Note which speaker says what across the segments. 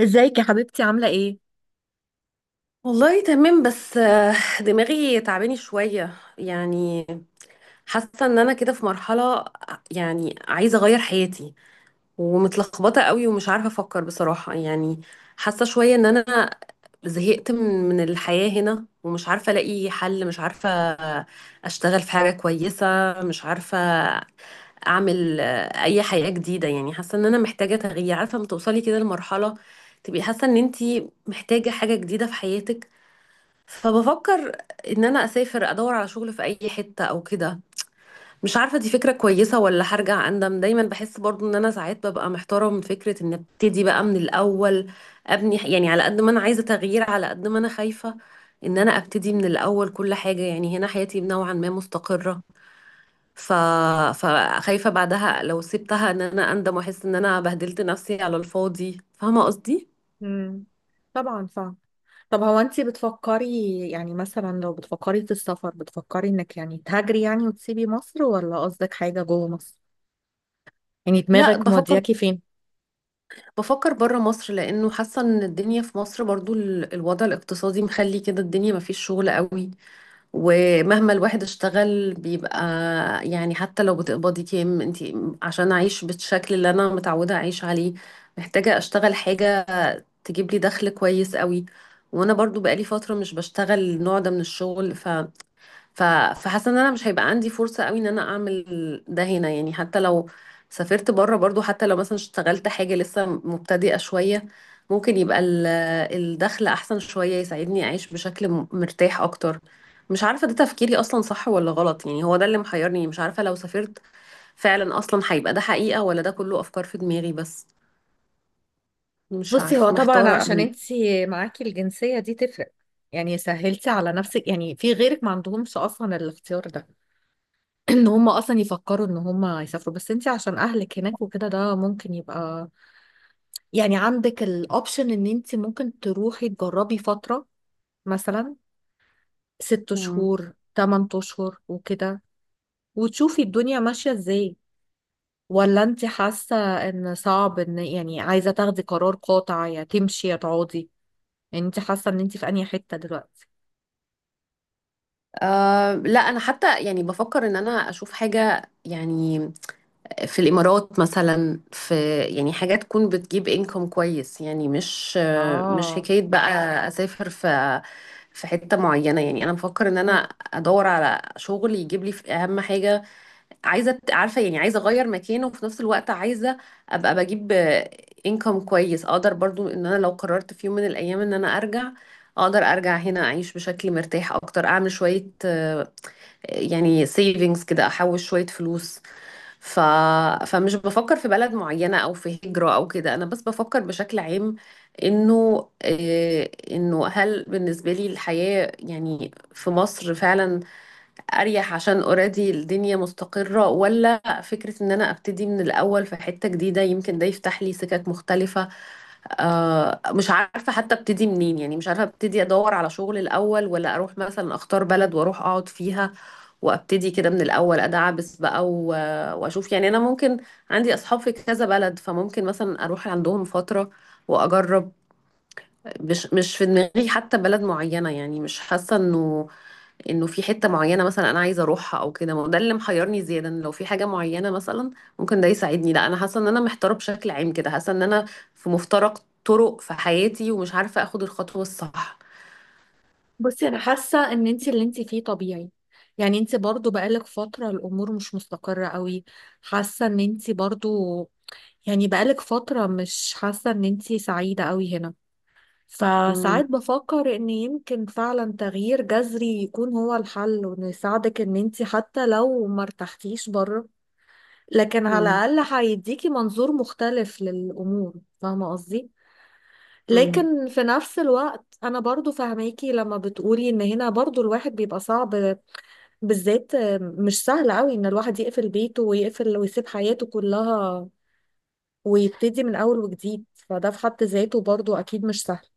Speaker 1: ازيك يا حبيبتي عاملة ايه؟
Speaker 2: والله تمام بس دماغي تعباني شوية يعني. حاسة ان انا كده في مرحلة، يعني عايزة اغير حياتي ومتلخبطة قوي ومش عارفة افكر بصراحة يعني. حاسة شوية ان انا زهقت من الحياة هنا ومش عارفة الاقي حل، مش عارفة اشتغل في حاجة كويسة، مش عارفة اعمل اي حياة جديدة، يعني حاسة ان انا محتاجة تغيير. عارفة لما توصلي كده لمرحلة تبقي حاسة ان انتي محتاجة حاجة جديدة في حياتك، فبفكر ان انا اسافر ادور على شغل في اي حتة او كده. مش عارفة دي فكرة كويسة ولا هرجع اندم. دايما بحس برضو ان انا ساعات ببقى محتارة من فكرة ان ابتدي بقى من الاول ابني، يعني على قد ما انا عايزة تغيير على قد ما انا خايفة ان انا ابتدي من الاول كل حاجة. يعني هنا حياتي نوعا ما مستقرة، ف... فخايفة بعدها لو سبتها ان انا اندم واحس ان انا بهدلت نفسي على الفاضي. فاهمة قصدي؟
Speaker 1: مم. طبعا فاهم. طب هو انت بتفكري، يعني مثلا لو بتفكري في السفر، بتفكري انك يعني تهاجري يعني وتسيبي مصر، ولا قصدك حاجة جوه مصر؟ يعني
Speaker 2: لا،
Speaker 1: دماغك
Speaker 2: بفكر
Speaker 1: مودياكي فين؟
Speaker 2: بفكر بره مصر، لانه حاسه ان الدنيا في مصر برضو الوضع الاقتصادي مخلي كده الدنيا مفيش شغل قوي. ومهما الواحد اشتغل بيبقى، يعني حتى لو بتقبضي كام انت، عشان اعيش بالشكل اللي انا متعوده اعيش عليه محتاجه اشتغل حاجه تجيب لي دخل كويس قوي. وانا برضو بقالي فتره مش بشتغل النوع ده من الشغل، ف- فحاسه ان انا مش هيبقى عندي فرصه قوي ان انا اعمل ده هنا، يعني حتى لو سافرت بره برضو، حتى لو مثلا اشتغلت حاجه لسه مبتدئه شويه، ممكن يبقى الدخل احسن شويه، يساعدني اعيش بشكل مرتاح اكتر. مش عارفه ده تفكيري اصلا صح ولا غلط، يعني هو ده اللي محيرني. مش عارفه لو سافرت فعلا اصلا هيبقى ده حقيقه ولا ده كله افكار في دماغي بس. مش
Speaker 1: بصي، هو
Speaker 2: عارفه،
Speaker 1: طبعا
Speaker 2: محتاره
Speaker 1: عشان
Speaker 2: قوي.
Speaker 1: انت معاكي الجنسية دي تفرق، يعني سهلتي على نفسك، يعني في غيرك ما عندهمش اصلا الاختيار ده. ان هم اصلا يفكروا ان هم يسافروا، بس انت عشان اهلك هناك وكده، ده ممكن يبقى، يعني عندك الاوبشن ان انت ممكن تروحي تجربي فترة، مثلا ست
Speaker 2: مم.
Speaker 1: شهور، تمن اشهر وكده، وتشوفي الدنيا ماشية ازاي. ولا انت حاسة ان صعب ان، يعني عايزة تاخدي قرار قاطع يا تمشي يا تقعدي؟ يعني انت حاسة ان انت في انهي حتة دلوقتي؟
Speaker 2: آه، لا انا حتى يعني بفكر ان انا اشوف حاجه، يعني في الإمارات مثلا في يعني حاجة تكون بتجيب انكم كويس، يعني مش
Speaker 1: اه.
Speaker 2: حكاية بقى أسافر في حتة معينة، يعني أنا بفكر إن أنا أدور على شغل يجيب لي، في أهم حاجة عايزة، عارفة، يعني عايزة أغير مكانه وفي نفس الوقت عايزة أبقى بجيب انكم كويس أقدر برضو إن أنا لو قررت في يوم من الأيام إن أنا أرجع اقدر ارجع هنا اعيش بشكل مرتاح اكتر، اعمل شوية يعني سيفينجز كده، احوش شوية فلوس. ف... فمش بفكر في بلد معينة أو في هجرة أو كده، أنا بس بفكر بشكل عام، إنه هل بالنسبة لي الحياة يعني في مصر فعلا أريح عشان أوريدي الدنيا مستقرة، ولا فكرة إن أنا أبتدي من الأول في حتة جديدة يمكن ده يفتح لي سكك مختلفة. مش عارفة حتى أبتدي منين، يعني مش عارفة أبتدي أدور على شغل الأول ولا أروح مثلا أختار بلد وأروح أقعد فيها وابتدي كده من الاول ادعبس بقى، واشوف يعني انا ممكن، عندي اصحاب في كذا بلد، فممكن مثلا اروح عندهم فتره واجرب. مش في دماغي حتى بلد معينه، يعني مش حاسه انه في حته معينه مثلا انا عايزه اروحها او كده. ما هو ده اللي محيرني زياده، إن لو في حاجه معينه مثلا ممكن ده يساعدني، لا انا حاسه ان انا محتاره بشكل عام كده، حاسه ان انا في مفترق طرق في حياتي ومش عارفه اخد الخطوه الصح.
Speaker 1: بصي انا حاسه ان انت اللي انت فيه طبيعي، يعني انت برضو بقالك فتره الامور مش مستقره قوي، حاسه ان انت برضو، يعني بقالك فتره مش حاسه ان انت سعيده قوي هنا.
Speaker 2: مم.
Speaker 1: فساعات بفكر ان يمكن فعلا تغيير جذري يكون هو الحل، وانه يساعدك ان انت حتى لو ما ارتحتيش بره، لكن على
Speaker 2: مم.
Speaker 1: الاقل هيديكي منظور مختلف للامور. فاهمه قصدي؟
Speaker 2: مم.
Speaker 1: لكن في نفس الوقت انا برضو فاهماكي لما بتقولي ان هنا برضو الواحد بيبقى صعب، بالذات. مش سهل قوي ان الواحد يقفل بيته ويقفل ويسيب حياته كلها ويبتدي من اول وجديد، فده في حد ذاته برضو اكيد مش سهل.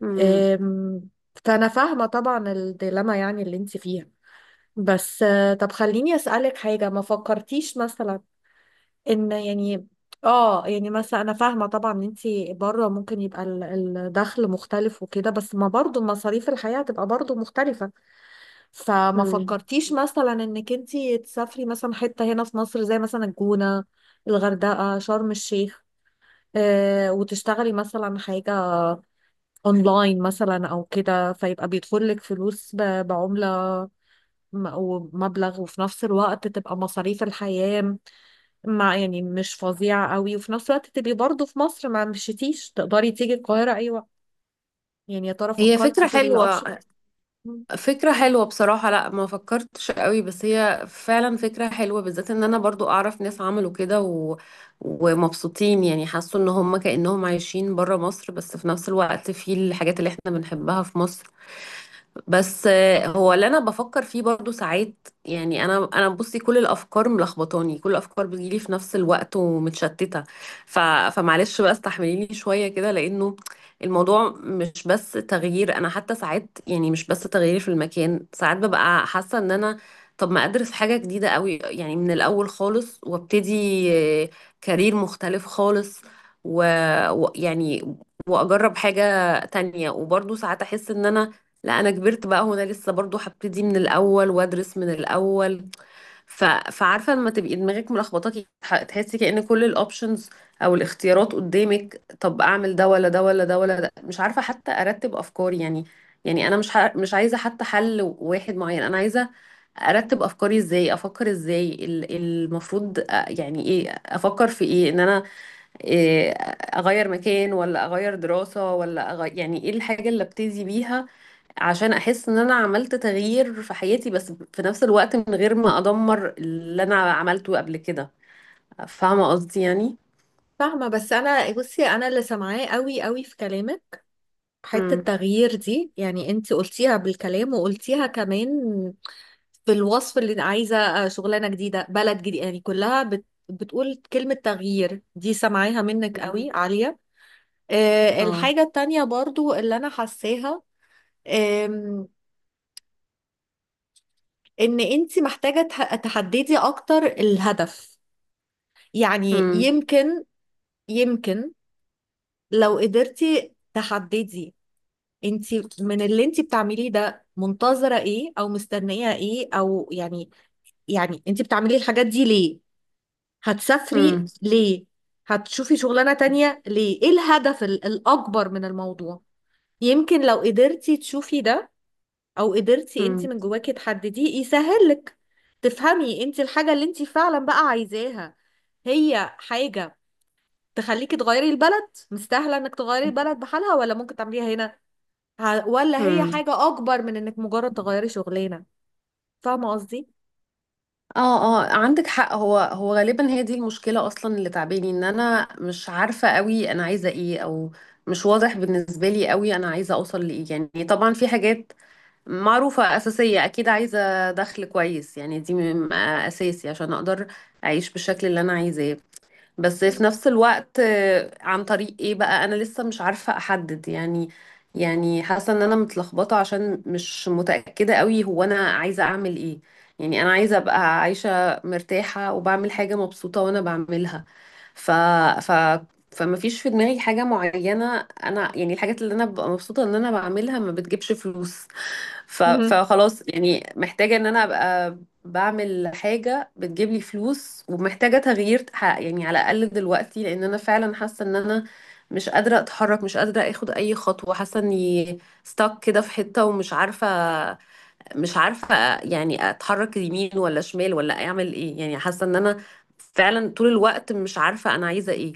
Speaker 2: مم.
Speaker 1: أم، فأنا فاهمة طبعا الديلما يعني اللي انت فيها. بس طب خليني أسألك حاجة. ما فكرتيش مثلا إن، يعني، اه يعني مثلا أنا فاهمة طبعا إن انت بره ممكن يبقى الدخل مختلف وكده، بس ما برضو مصاريف الحياة هتبقى برضو مختلفة. فما
Speaker 2: مم.
Speaker 1: فكرتيش مثلا إنك انت تسافري مثلا حتة هنا في مصر، زي مثلا الجونة، الغردقة، شرم الشيخ، وتشتغلي مثلا حاجة اونلاين مثلا او كده، فيبقى بيدخل لك فلوس بعملة ومبلغ، وفي نفس الوقت تبقى مصاريف الحياة مع، يعني مش فظيعة قوي، وفي نفس الوقت تبقي برضه في مصر، ما مشيتيش، تقدري تيجي القاهرة اي وقت. يعني يا ترى
Speaker 2: هي
Speaker 1: فكرتي
Speaker 2: فكرة
Speaker 1: في الاوبشن؟
Speaker 2: حلوة، فكرة حلوة بصراحة. لا، ما فكرتش قوي، بس هي فعلا فكرة حلوة، بالذات ان انا برضو اعرف ناس عملوا كده ومبسوطين، يعني حسوا ان هم كأنهم عايشين برا مصر بس في نفس الوقت في الحاجات اللي احنا بنحبها في مصر. بس هو اللي انا بفكر فيه برضو ساعات، يعني انا بصي، كل الافكار ملخبطاني، كل الافكار بتجيلي في نفس الوقت ومتشتته. ف... فمعلش بقى استحمليني شويه كده، لانه الموضوع مش بس تغيير. انا حتى ساعات يعني مش بس تغيير في المكان، ساعات ببقى حاسه ان انا طب ما ادرس حاجه جديده قوي يعني من الاول خالص، وابتدي آه، كارير مختلف خالص، ويعني يعني واجرب حاجه تانية. وبرضو ساعات احس ان انا، لا انا كبرت بقى هنا لسه برضو هبتدي من الاول وادرس من الاول. فعارفه لما تبقي دماغك ملخبطاكي، تحسي كأن كل الاوبشنز او الاختيارات قدامك، طب اعمل ده ولا ده ولا ده ولا ده، مش عارفه حتى ارتب افكاري يعني. يعني انا مش عايزه حتى حل واحد معين، انا عايزه ارتب افكاري، ازاي افكر، ازاي المفروض يعني ايه افكر في ايه، ان انا إيه، اغير مكان ولا اغير دراسة ولا أغير، يعني ايه الحاجة اللي ابتدي بيها عشان احس ان انا عملت تغيير في حياتي، بس في نفس الوقت من غير ما ادمر اللي انا عملته قبل كده. فاهمة قصدي يعني.
Speaker 1: فاهمة. بس أنا، بصي، أنا اللي سامعاه قوي قوي في كلامك حتة
Speaker 2: امم.
Speaker 1: التغيير دي، يعني أنت قلتيها بالكلام وقلتيها كمان في الوصف، اللي عايزة شغلانة جديدة، بلد جديد، يعني كلها بتقول كلمة تغيير، دي سامعاها منك قوي عالية.
Speaker 2: اه.
Speaker 1: الحاجة التانية برضو اللي أنا حاساها، آم، إن أنت محتاجة تحددي أكتر الهدف. يعني
Speaker 2: امم.
Speaker 1: يمكن، يمكن لو قدرتي تحددي أنت من اللي أنت بتعمليه ده منتظرة إيه أو مستنية إيه، أو يعني، يعني أنت بتعملي الحاجات دي ليه؟
Speaker 2: امم.
Speaker 1: هتسافري ليه؟ هتشوفي شغلانة تانية ليه؟ ايه الهدف الأكبر من الموضوع؟ يمكن لو قدرتي تشوفي ده، أو قدرتي انت
Speaker 2: امم.
Speaker 1: من جواكي تحدديه، يسهل لك تفهمي انت الحاجة اللي انت فعلا بقى عايزاها. هي حاجة تخليكي تغيري البلد، مستاهلة انك تغيري البلد بحالها، ولا ممكن تعمليها هنا، ولا هي
Speaker 2: امم.
Speaker 1: حاجة أكبر من انك مجرد تغيري شغلانة؟ فاهمة قصدي؟
Speaker 2: اه. اه، عندك حق. هو غالبا هي دي المشكلة اصلا اللي تعباني، ان انا مش عارفة قوي انا عايزة ايه، او مش واضح بالنسبة لي قوي انا عايزة اوصل لايه. يعني طبعا في حاجات معروفة أساسية، أكيد عايزة دخل كويس، يعني دي أساسي عشان أقدر أعيش بالشكل اللي أنا عايزاه. بس في نفس الوقت عن طريق إيه بقى أنا لسه مش عارفة أحدد يعني. يعني حاسة إن أنا متلخبطة عشان مش متأكدة قوي هو أنا عايزة أعمل إيه. يعني أنا عايزة أبقى عايشة مرتاحة وبعمل حاجة مبسوطة وأنا بعملها. ف... ف... فما فيش في دماغي حاجة معينة أنا، يعني الحاجات اللي أنا ببقى مبسوطة إن أنا بعملها ما بتجيبش فلوس.
Speaker 1: مهم.
Speaker 2: فخلاص يعني محتاجة ان انا ابقى بعمل حاجة بتجيب لي فلوس، ومحتاجة تغيير يعني على الاقل دلوقتي، لان انا فعلا حاسة ان انا مش قادرة اتحرك، مش قادرة اخد اي خطوة، حاسة اني ستاك كده في حتة ومش عارفة. مش عارفة يعني اتحرك يمين ولا شمال ولا اعمل ايه. يعني حاسة ان انا فعلا طول الوقت مش عارفة انا عايزة ايه.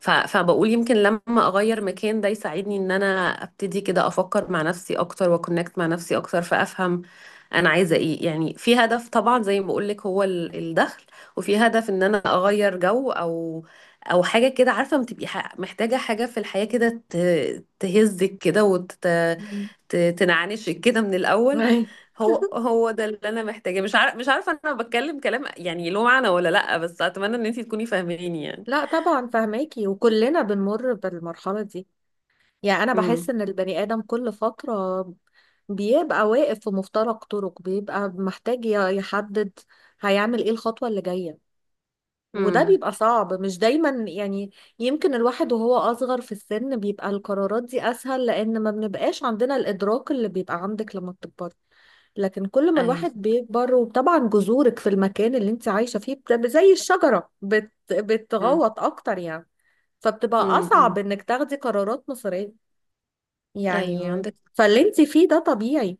Speaker 2: فبقول يمكن لما اغير مكان ده يساعدني ان انا ابتدي كده افكر مع نفسي اكتر واكونكت مع نفسي اكتر، فافهم انا عايزة ايه. يعني في هدف طبعا زي ما بقولك هو الدخل، وفي هدف ان انا اغير جو او حاجة كده. عارفة ما تبقي محتاجة حاجة في الحياة كده تهزك كده
Speaker 1: مهم.
Speaker 2: تنعنشك كده من الأول.
Speaker 1: أيوة.
Speaker 2: هو ده اللي انا محتاجاه. مش عارفه انا بتكلم كلام يعني له معنى ولا لا، بس اتمنى ان انتي تكوني فاهماني يعني.
Speaker 1: لا طبعا فهماكي، وكلنا بنمر بالمرحلة دي. يعني انا بحس
Speaker 2: امم.
Speaker 1: ان البني ادم كل فترة بيبقى واقف في مفترق طرق، بيبقى محتاج يحدد هيعمل ايه الخطوة اللي جاية، وده
Speaker 2: امم.
Speaker 1: بيبقى صعب مش دايما يعني. يمكن الواحد وهو اصغر في السن بيبقى القرارات دي اسهل، لان ما بنبقاش عندنا الادراك اللي بيبقى عندك لما بتكبر. لكن كل ما الواحد
Speaker 2: ايوه.
Speaker 1: بيكبر، وطبعا جذورك في المكان اللي انت عايشة فيه زي الشجرة
Speaker 2: امم.
Speaker 1: بتغوط اكتر يعني، فبتبقى اصعب
Speaker 2: امم.
Speaker 1: انك تاخدي قرارات مصيرية
Speaker 2: ايوه
Speaker 1: يعني.
Speaker 2: عندك.
Speaker 1: فاللي انت فيه ده طبيعي.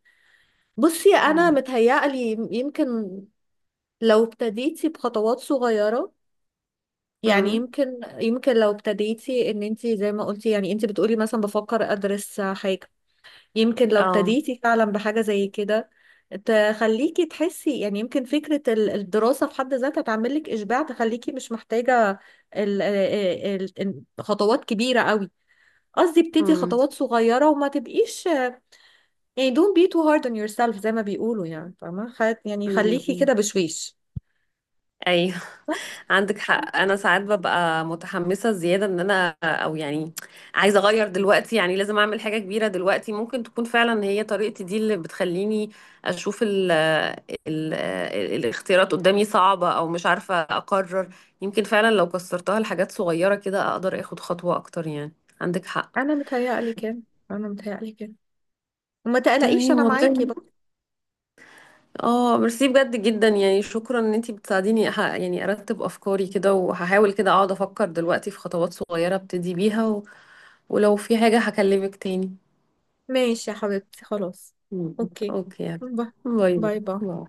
Speaker 1: بصي انا
Speaker 2: امم.
Speaker 1: متهيألي يمكن لو ابتديتي بخطوات صغيرة، يعني
Speaker 2: امم.
Speaker 1: يمكن، لو ابتديتي ان انت زي ما قلتي، يعني انت بتقولي مثلا بفكر ادرس حاجة، يمكن لو
Speaker 2: اه.
Speaker 1: ابتديتي فعلا بحاجة زي كده، تخليكي تحسي، يعني يمكن فكرة الدراسة في حد ذاتها تعمل لك إشباع، تخليكي مش محتاجة خطوات كبيرة قوي. قصدي ابتدي
Speaker 2: امم.
Speaker 1: خطوات صغيرة وما تبقيش، يعني don't be too hard on yourself زي ما بيقولوا. يعني فاهمة؟ يعني
Speaker 2: امم.
Speaker 1: خليكي كده
Speaker 2: امم.
Speaker 1: بشويش
Speaker 2: ايوه،
Speaker 1: بس.
Speaker 2: عندك حق. انا ساعات ببقى متحمسه زياده ان انا او يعني عايزه اغير دلوقتي، يعني لازم اعمل حاجه كبيره دلوقتي. ممكن تكون فعلا هي طريقتي دي اللي بتخليني اشوف ال الاختيارات قدامي صعبه، او مش عارفه اقرر. يمكن فعلا لو كسرتها لحاجات صغيره كده اقدر اخد خطوه اكتر يعني. عندك حق.
Speaker 1: أنا متهيألي كده، أنا متهيألي كده، وما تقلقيش،
Speaker 2: تمام
Speaker 1: أنا معاكي
Speaker 2: والله.
Speaker 1: بقى.
Speaker 2: اه، ميرسي بجد جدا، يعني شكرا ان انتي بتساعديني يعني ارتب افكاري كده. وهحاول كده اقعد افكر دلوقتي في خطوات صغيره ابتدي بيها. ولو في حاجة هكلمك تاني.
Speaker 1: ماشي يا حبيبتي، خلاص.
Speaker 2: مم.
Speaker 1: أوكي.
Speaker 2: اوكي.
Speaker 1: باي.
Speaker 2: باي.
Speaker 1: باي باي.
Speaker 2: باي.